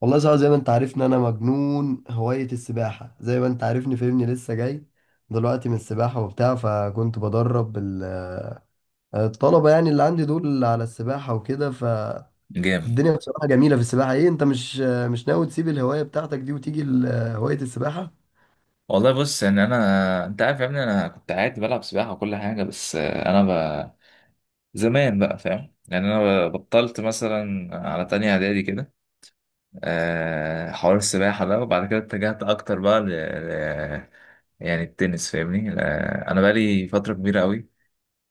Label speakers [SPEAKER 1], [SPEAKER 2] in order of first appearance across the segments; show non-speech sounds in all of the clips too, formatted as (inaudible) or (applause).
[SPEAKER 1] والله صعب زي ما انت عارفني انا مجنون هواية السباحة زي ما انت عارفني فاهمني لسه جاي دلوقتي من السباحة وبتاع فكنت بدرب الطلبة يعني اللي عندي دول على السباحة وكده فالدنيا
[SPEAKER 2] جامد.
[SPEAKER 1] بصراحة جميلة في السباحة. ايه انت مش مش ناوي تسيب الهواية بتاعتك دي وتيجي هواية السباحة؟
[SPEAKER 2] والله بص، ان انا، انت عارف يا ابني، انا كنت عادي بلعب سباحه وكل حاجه. بس ب... زمان بقى، فاهم؟ يعني انا بطلت مثلا على تانية اعدادي كده حوار السباحه ده. وبعد كده اتجهت اكتر بقى يعني التنس، فاهمني. انا بقى لي فتره كبيره قوي،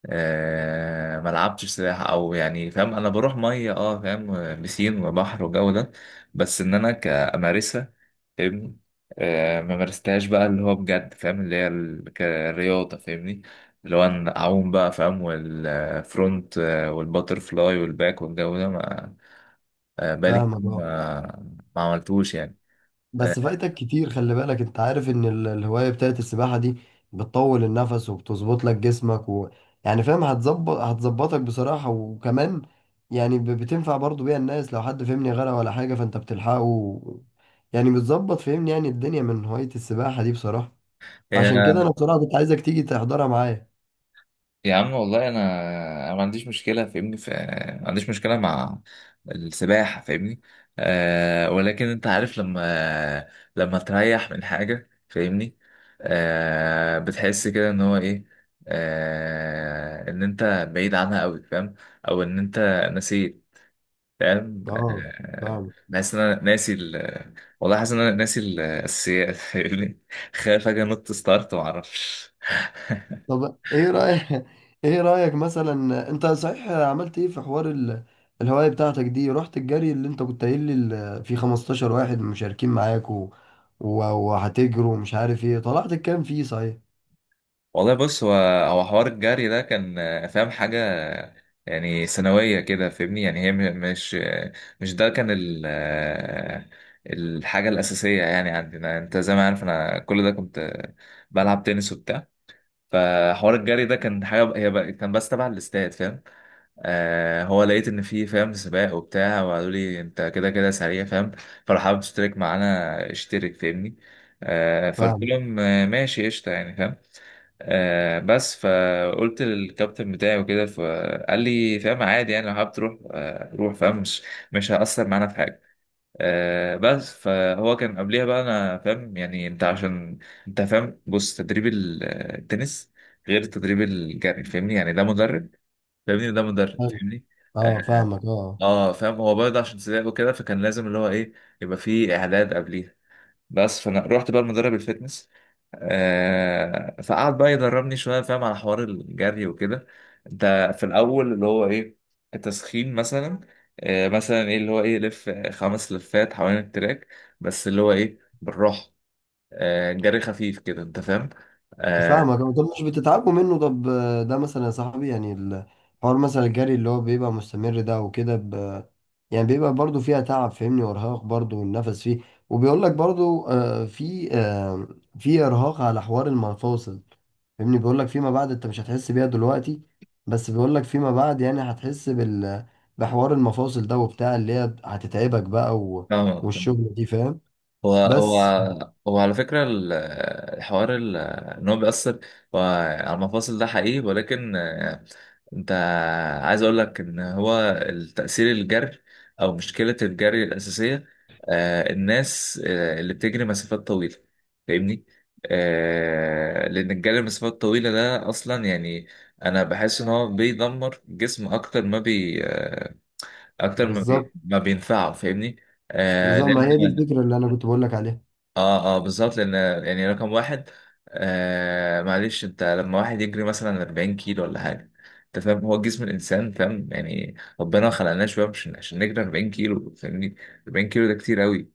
[SPEAKER 2] ما لعبتش سباحة، او يعني فاهم، انا بروح مية. اه فاهم، بسين وبحر وجو ده، بس ان انا كامارسها، فاهمني. ما مارستهاش بقى اللي هو بجد، فاهم، اللي هي كرياضة، فاهمني، اللي هو أنا اعوم بقى فاهم، والفرونت والباتر فلاي والباك والجو ده، ما بقالي كتير
[SPEAKER 1] فاهمك اه.
[SPEAKER 2] ما عملتوش يعني.
[SPEAKER 1] بس فايتك كتير، خلي بالك انت عارف ان الهواية بتاعت السباحة دي بتطول النفس وبتظبط لك جسمك، و... يعني فاهم هتظبط، هتظبطك بصراحة. وكمان يعني بتنفع برضو بيها الناس، لو حد فهمني غرق ولا حاجة فانت بتلحقه، و... يعني بتظبط فهمني يعني الدنيا من هواية السباحة دي بصراحة. فعشان كده انا بصراحة كنت عايزك تيجي تحضرها معايا.
[SPEAKER 2] يا عم والله أنا ما عنديش مشكله فاهمني ما عنديش مشكله مع السباحه، فاهمني. ولكن انت عارف لما تريح من حاجه، فاهمني، بتحس كده ان هو ايه، ان انت بعيد عنها قوي، فاهم، او ان انت نسيت، فاهم.
[SPEAKER 1] اه فاهم.
[SPEAKER 2] بحس ان انا ناسي والله حاسس ان انا ناسي الاساسيات، فاهمني. (laughs) خايف اجي انط ستارت ما اعرفش.
[SPEAKER 1] طب ايه رأيك (laughs) ايه رأيك مثلا، انت صحيح عملت ايه في حوار الهواية بتاعتك دي؟ رحت الجري اللي انت كنت قايل لي في 15 واحد مشاركين معاك وهتجروا ومش عارف ايه، طلعت الكام فيه صحيح؟
[SPEAKER 2] والله بص، هو حوار الجري ده كان فاهم حاجة يعني ثانوية كده، فاهمني. يعني هي مش، ده كان ال آه، الحاجة الأساسية. يعني عندنا أنت زي ما عارف، أنا كل ده كنت بلعب تنس وبتاع. فحوار الجري ده كان حاجة هي بقى، كان بس تبع الاستاد، فاهم. هو لقيت إن في، فاهم، سباق وبتاع، وقالوا لي أنت كده كده سريع، فاهم، فلو حابب تشترك معانا اشترك، فاهمني. فقلت
[SPEAKER 1] فاهم.
[SPEAKER 2] لهم ماشي قشطة، يعني، فاهم. بس فقلت للكابتن بتاعي وكده، فقال لي فاهم عادي، يعني لو حابب تروح روح، فاهم، مش هيأثر معانا في حاجة. بس فهو كان قبليها بقى، انا فاهم يعني، انت عشان انت فاهم، بص، تدريب التنس غير تدريب الجري، فاهمني. يعني ده مدرب، فاهمني، ده مدرب،
[SPEAKER 1] حلو.
[SPEAKER 2] فاهمني. اه.
[SPEAKER 1] اه فاهمك اه.
[SPEAKER 2] فاهم هو برضه عشان سباق وكده، فكان لازم اللي هو ايه، يبقى فيه اعداد قبليها. بس فانا رحت بقى المدرب الفتنس، فقعد بقى يدربني شويه، فاهم، على حوار الجري وكده. انت في الاول اللي هو ايه، التسخين مثلا. مثلا ايه؟ اللي هو ايه، لف 5 لفات حوالين التراك، بس اللي هو ايه بالراحه. جري خفيف كده، انت فاهم. آه
[SPEAKER 1] فاهمك أه. طب مش بتتعبوا منه؟ طب ده مثلا يا صاحبي، يعني الحوار مثلا الجري اللي هو بيبقى مستمر ده وكده يعني بيبقى برضو فيها تعب فاهمني، وارهاق برضو والنفس فيه. وبيقول لك برضو في ارهاق على حوار المفاصل، فاهمني. بيقول لك فيما بعد انت مش هتحس بيها دلوقتي، بس بيقول لك فيما بعد يعني هتحس بال، بحوار المفاصل ده وبتاع اللي هي هتتعبك بقى، و...
[SPEAKER 2] فاهم.
[SPEAKER 1] والشغل دي فاهم.
[SPEAKER 2] هو هو
[SPEAKER 1] بس
[SPEAKER 2] هو على فكرة الحوار، ان هو بيأثر هو على المفاصل ده حقيقي. ولكن انت عايز اقول لك ان هو التأثير الجري، او مشكلة الجري الأساسية الناس اللي بتجري مسافات طويلة، فاهمني؟ لأن الجري المسافات الطويلة ده أصلا يعني، أنا بحس إن هو بيدمر الجسم أكتر ما بي
[SPEAKER 1] بالظبط،
[SPEAKER 2] ما بينفعه، فاهمني؟
[SPEAKER 1] بالظبط، ما
[SPEAKER 2] لأن
[SPEAKER 1] هي دي الفكرة اللي انا كنت بقول لك عليها.
[SPEAKER 2] اه بالظبط لان يعني، رقم واحد معلش، انت لما واحد يجري مثلا 40 كيلو ولا حاجه، انت فاهم هو جسم الانسان، فاهم؟ يعني ربنا خلقناه شويه مش عشان نجري 40 كيلو، فاهمني. 40 كيلو ده كتير قوي،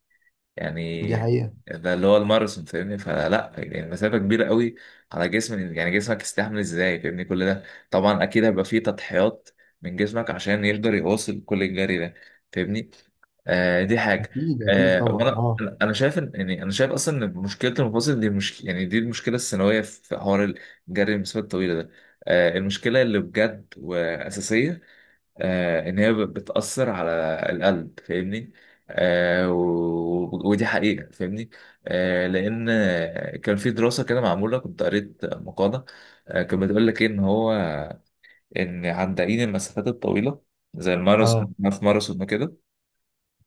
[SPEAKER 1] دي
[SPEAKER 2] يعني
[SPEAKER 1] حقيقة.
[SPEAKER 2] ده اللي هو الماراثون، فاهمني. فلا، يعني المسافة كبيرة قوي على جسم، يعني جسمك يستحمل ازاي فاهمني كل ده؟ طبعا اكيد هيبقى فيه تضحيات من جسمك عشان يقدر يواصل كل الجري ده، فاهمني. دي حاجة.
[SPEAKER 1] اكيد اكيد طبعا
[SPEAKER 2] وانا،
[SPEAKER 1] اه
[SPEAKER 2] أنا شايف ان، يعني انا شايف اصلا ان مشكلة المفاصل دي مش يعني دي المشكلة الثانوية في حوار الجري المسافات الطويلة ده. المشكلة اللي بجد وأساسية ان هي بتأثر على القلب، فاهمني. ودي حقيقة، فاهمني. لان كان في دراسة كده معمولة، كنت قريت مقالة كانت بتقول لك إيه، ان عندائين المسافات الطويلة زي الماراثون،
[SPEAKER 1] اه.
[SPEAKER 2] في ماراثون وكده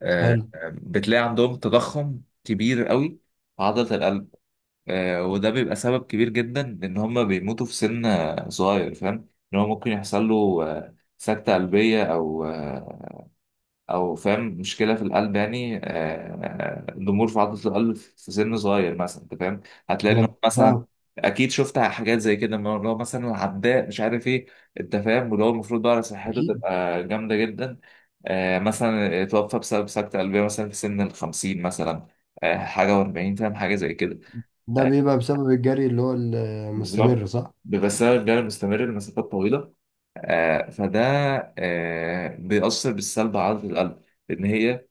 [SPEAKER 2] آه،
[SPEAKER 1] حلو.
[SPEAKER 2] بتلاقي عندهم تضخم كبير قوي في عضلة القلب. وده بيبقى سبب كبير جدا ان هم بيموتوا في سن صغير، فاهم؟ ان هو ممكن يحصل له سكتة قلبية، او فاهم مشكله في القلب، يعني ضمور في عضله القلب في سن صغير مثلا، انت فاهم. هتلاقي انه
[SPEAKER 1] والله
[SPEAKER 2] مثلا،
[SPEAKER 1] فعلا.
[SPEAKER 2] اكيد شفت حاجات زي كده من اللي هو مثلا عداء مش عارف ايه، انت فاهم، واللي هو المفروض بقى صحته
[SPEAKER 1] اكيد.
[SPEAKER 2] تبقى جامده جدا، مثلا اتوفى بسبب سكته قلبيه مثلا في سن ال 50 مثلا، حاجه، و40 فاهم، حاجه زي كده.
[SPEAKER 1] ده
[SPEAKER 2] آه،
[SPEAKER 1] بيبقى بسبب الجري اللي هو المستمر،
[SPEAKER 2] بالظبط،
[SPEAKER 1] صح؟
[SPEAKER 2] بيبقى السبب الجري المستمر لمسافات طويله. فده بيأثر بالسلب على عضله القلب، ان هي،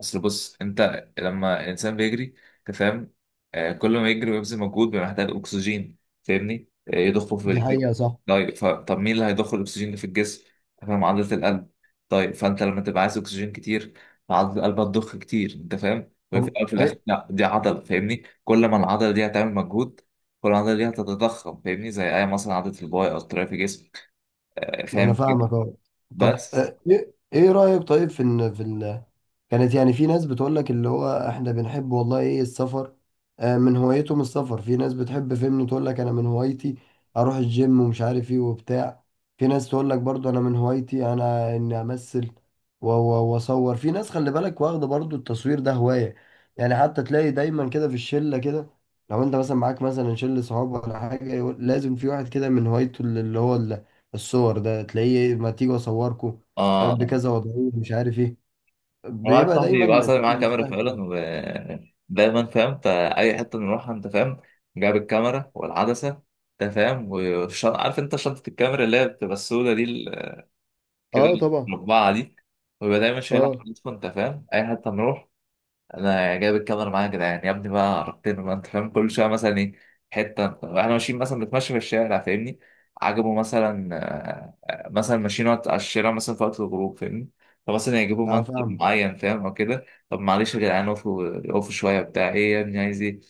[SPEAKER 2] اصل بص انت لما الانسان بيجري، انت فاهم، كل ما يجري ويبذل مجهود بيبقى محتاج اكسجين، فاهمني. يضخه في
[SPEAKER 1] دي
[SPEAKER 2] الجسم.
[SPEAKER 1] حقيقة صح.
[SPEAKER 2] طيب، طب مين اللي هيضخ الاكسجين ده في الجسم؟ فاهم، عضله القلب. طيب، فانت لما تبقى عايز اكسجين كتير، فعضله القلب هتضخ كتير، انت فاهم، وهي في
[SPEAKER 1] طب
[SPEAKER 2] الاول وفي الاخر
[SPEAKER 1] إيه؟
[SPEAKER 2] لا دي عضله، فاهمني، كل ما العضله دي هتعمل مجهود، كل ما العضله دي هتتضخم، فاهمني، زي اي مثلا عضله الباي او التراي في جسمك.
[SPEAKER 1] انا
[SPEAKER 2] فاهم كده؟
[SPEAKER 1] فاهمك اه. طب
[SPEAKER 2] بس
[SPEAKER 1] آه، ايه إيه رايك طيب في ان في كانت يعني في ناس بتقول لك اللي هو احنا بنحب والله ايه السفر، من هوايتهم السفر. في ناس بتحب فهمني تقول لك انا من هوايتي اروح الجيم ومش عارف ايه وبتاع. في ناس تقول لك برضو انا من هوايتي انا اني امثل واصور. في ناس خلي بالك واخده برضو التصوير ده هواية، يعني حتى تلاقي دايما كده في الشلة كده، لو انت مثلا معاك مثلا شلة صحاب ولا حاجة يقول، لازم في واحد كده من هوايته اللي هو الصور ده، تلاقيه ما تيجي اصوركم
[SPEAKER 2] اه
[SPEAKER 1] بكذا وضعية مش عارف ايه،
[SPEAKER 2] واحد
[SPEAKER 1] بيبقى دايما.
[SPEAKER 2] صاحبي واحد صاحبي معاه
[SPEAKER 1] مش
[SPEAKER 2] كاميرا
[SPEAKER 1] واحد
[SPEAKER 2] فعلا،
[SPEAKER 1] كده.
[SPEAKER 2] ودايما فاهم فأي حتة بنروحها، أنت فاهم، جاب الكاميرا والعدسة، أنت فاهم، والشنطة، عارف، أنت شنطة الكاميرا اللي هي بتبقى السودة دي، ال- كده
[SPEAKER 1] اه طبعا.
[SPEAKER 2] المقبعة دي، ويبقى دايما شايلها
[SPEAKER 1] اه
[SPEAKER 2] على كتفه، أنت فاهم، أي حتة نروح: انا جايب الكاميرا معايا يا جدعان. يا ابني بقى عرفتني، ما انت فاهم، كل شويه مثلا ايه، حته احنا ماشيين مثلا، بنتمشى في الشارع، فاهمني، عجبه مثلا مثلا ماشيين وقت على الشارع، مثلا في وقت الغروب، فاهمني، فمثلا يجيبوا
[SPEAKER 1] اه
[SPEAKER 2] منتج
[SPEAKER 1] فاهم.
[SPEAKER 2] معين، فاهم، او كده: طب معلش يا جدعان، وقفوا وقفوا شويه، بتاع ايه يا ابني عايز ايه؟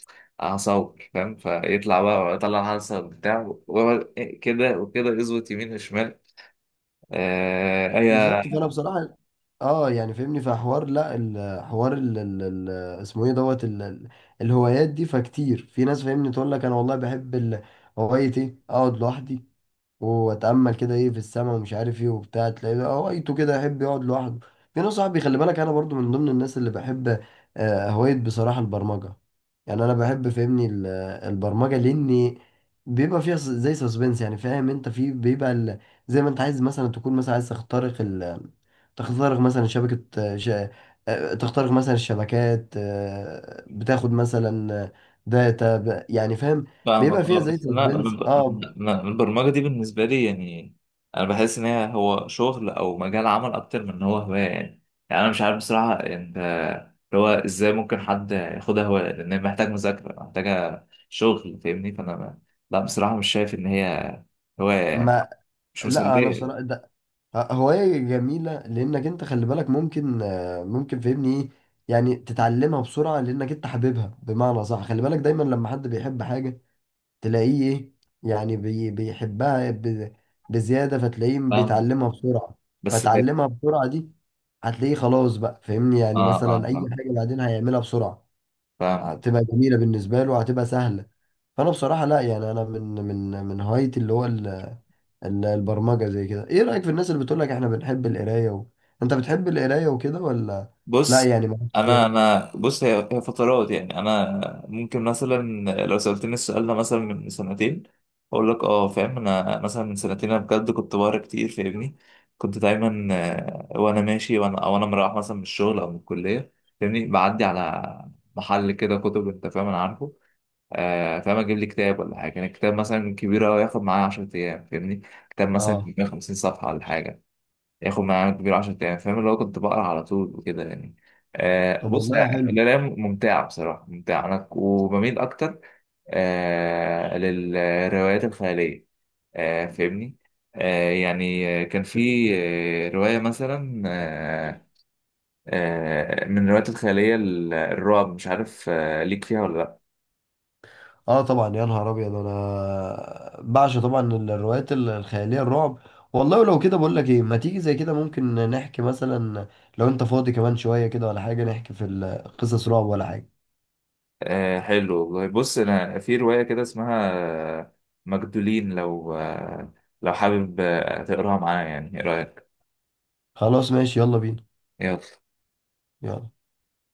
[SPEAKER 2] هصور، فاهم. فيطلع بقى، الحلقه بتاع، ويقعد كده وكده يظبط يمين وشمال. آه، ايه
[SPEAKER 1] بالظبط. فانا بصراحه اه يعني فهمني في حوار لا، الحوار ال ال ال اسمه ايه دوت ال ال الهوايات دي، فكتير في ناس فاهمني تقول لك انا والله بحب هوايه ايه اقعد لوحدي واتامل كده ايه في السماء ومش عارف ايه وبتاع، تلاقيه بقى هوايته كده يحب يقعد لوحده. في ناس صاحبي خلي بالك انا برضو من ضمن الناس اللي بحب هوايه بصراحه البرمجه. يعني انا بحب فهمني البرمجه، لاني بيبقى فيها زي سسبنس يعني فاهم، انت في بيبقى زي ما انت عايز مثلا تكون مثلا عايز تخترق ال، تخترق مثلا شبكة آه، ش... آه، تخترق مثلا الشبكات، بتاخد مثلا داتا يعني فاهم،
[SPEAKER 2] فاهمك،
[SPEAKER 1] بيبقى فيها
[SPEAKER 2] اه.
[SPEAKER 1] زي
[SPEAKER 2] بس لا،
[SPEAKER 1] سسبنس
[SPEAKER 2] أنا-
[SPEAKER 1] اه.
[SPEAKER 2] أنا- أنا البرمجة دي بالنسبة لي يعني، أنا بحس إن هو شغل أو مجال عمل أكتر من إن هو هواية يعني. أنا مش عارف بصراحة أنت، اللي هو إزاي ممكن حد ياخدها هواية؟ لأن هي محتاج مذاكرة، محتاجة شغل، فاهمني. فأنا لا، بصراحة مش شايف إن هي هواية يعني،
[SPEAKER 1] ما
[SPEAKER 2] مش
[SPEAKER 1] لا انا
[SPEAKER 2] مسلية يعني.
[SPEAKER 1] بصراحه ده هوايه جميله، لانك انت خلي بالك ممكن ممكن فاهمني ايه، يعني تتعلمها بسرعه، لانك انت حاببها. بمعنى صح، خلي بالك دايما لما حد بيحب حاجه تلاقيه ايه، يعني بيحبها بزياده، فتلاقيه
[SPEAKER 2] فاهم.
[SPEAKER 1] بيتعلمها بسرعه.
[SPEAKER 2] بس
[SPEAKER 1] فتعلمها بسرعه دي هتلاقيه خلاص بقى فاهمني، يعني
[SPEAKER 2] آه
[SPEAKER 1] مثلا اي
[SPEAKER 2] آه
[SPEAKER 1] حاجه بعدين هيعملها بسرعه،
[SPEAKER 2] فاهم،
[SPEAKER 1] هتبقى جميله بالنسبه له، هتبقى سهله. فانا بصراحه لا، يعني انا من هوايتي اللي هو البرمجة زي كده. ايه رأيك في الناس اللي بتقول لك احنا بنحب القراية، و... انت بتحب القراية وكده ولا لا،
[SPEAKER 2] بص
[SPEAKER 1] يعني ما
[SPEAKER 2] انا،
[SPEAKER 1] فيها؟
[SPEAKER 2] انا بص هي، فترات يعني. انا ممكن مثلا لو سألتني السؤال ده مثلا من سنتين، اقول لك اه، فاهم، انا مثلا من سنتين انا بجد كنت بقرا كتير، فاهمني. كنت دايما وانا ماشي، وانا او انا مروح مثلا من الشغل او من الكليه، فاهمني، بعدي على محل كده كتب، انت فاهم، انا عارفه، فاهم، اجيب لي كتاب ولا حاجه. يعني الكتاب مثلا كبير قوي، ياخد معايا 10 ايام فاهمني، كتاب مثلا
[SPEAKER 1] اه
[SPEAKER 2] 150 صفحه ولا حاجه، ياخد معانا كبير 10 ايام، فاهم، اللي هو كنت بقرا على طول وكده يعني.
[SPEAKER 1] طب
[SPEAKER 2] بص،
[SPEAKER 1] والله حلو.
[SPEAKER 2] القرايه ممتعه، بصراحه ممتعه. انا وبميل اكتر للروايات الخياليه، فاهمني. يعني كان في روايه مثلا، من الروايات الخياليه الرعب، مش عارف ليك فيها ولا لا.
[SPEAKER 1] اه طبعا يا نهار ابيض انا بعشق طبعا الروايات الخيالية الرعب. والله ولو كده، بقول لك ايه، ما تيجي زي كده ممكن نحكي مثلا، لو انت فاضي كمان شوية كده ولا حاجة، نحكي في قصص رعب ولا حاجة.
[SPEAKER 2] حلو، والله بص، انا في روايه كده اسمها آه، مجدولين. لو حابب تقراها معايا، يعني، ايه رايك؟
[SPEAKER 1] خلاص ماشي، يلا بينا.
[SPEAKER 2] يلا.
[SPEAKER 1] يلا.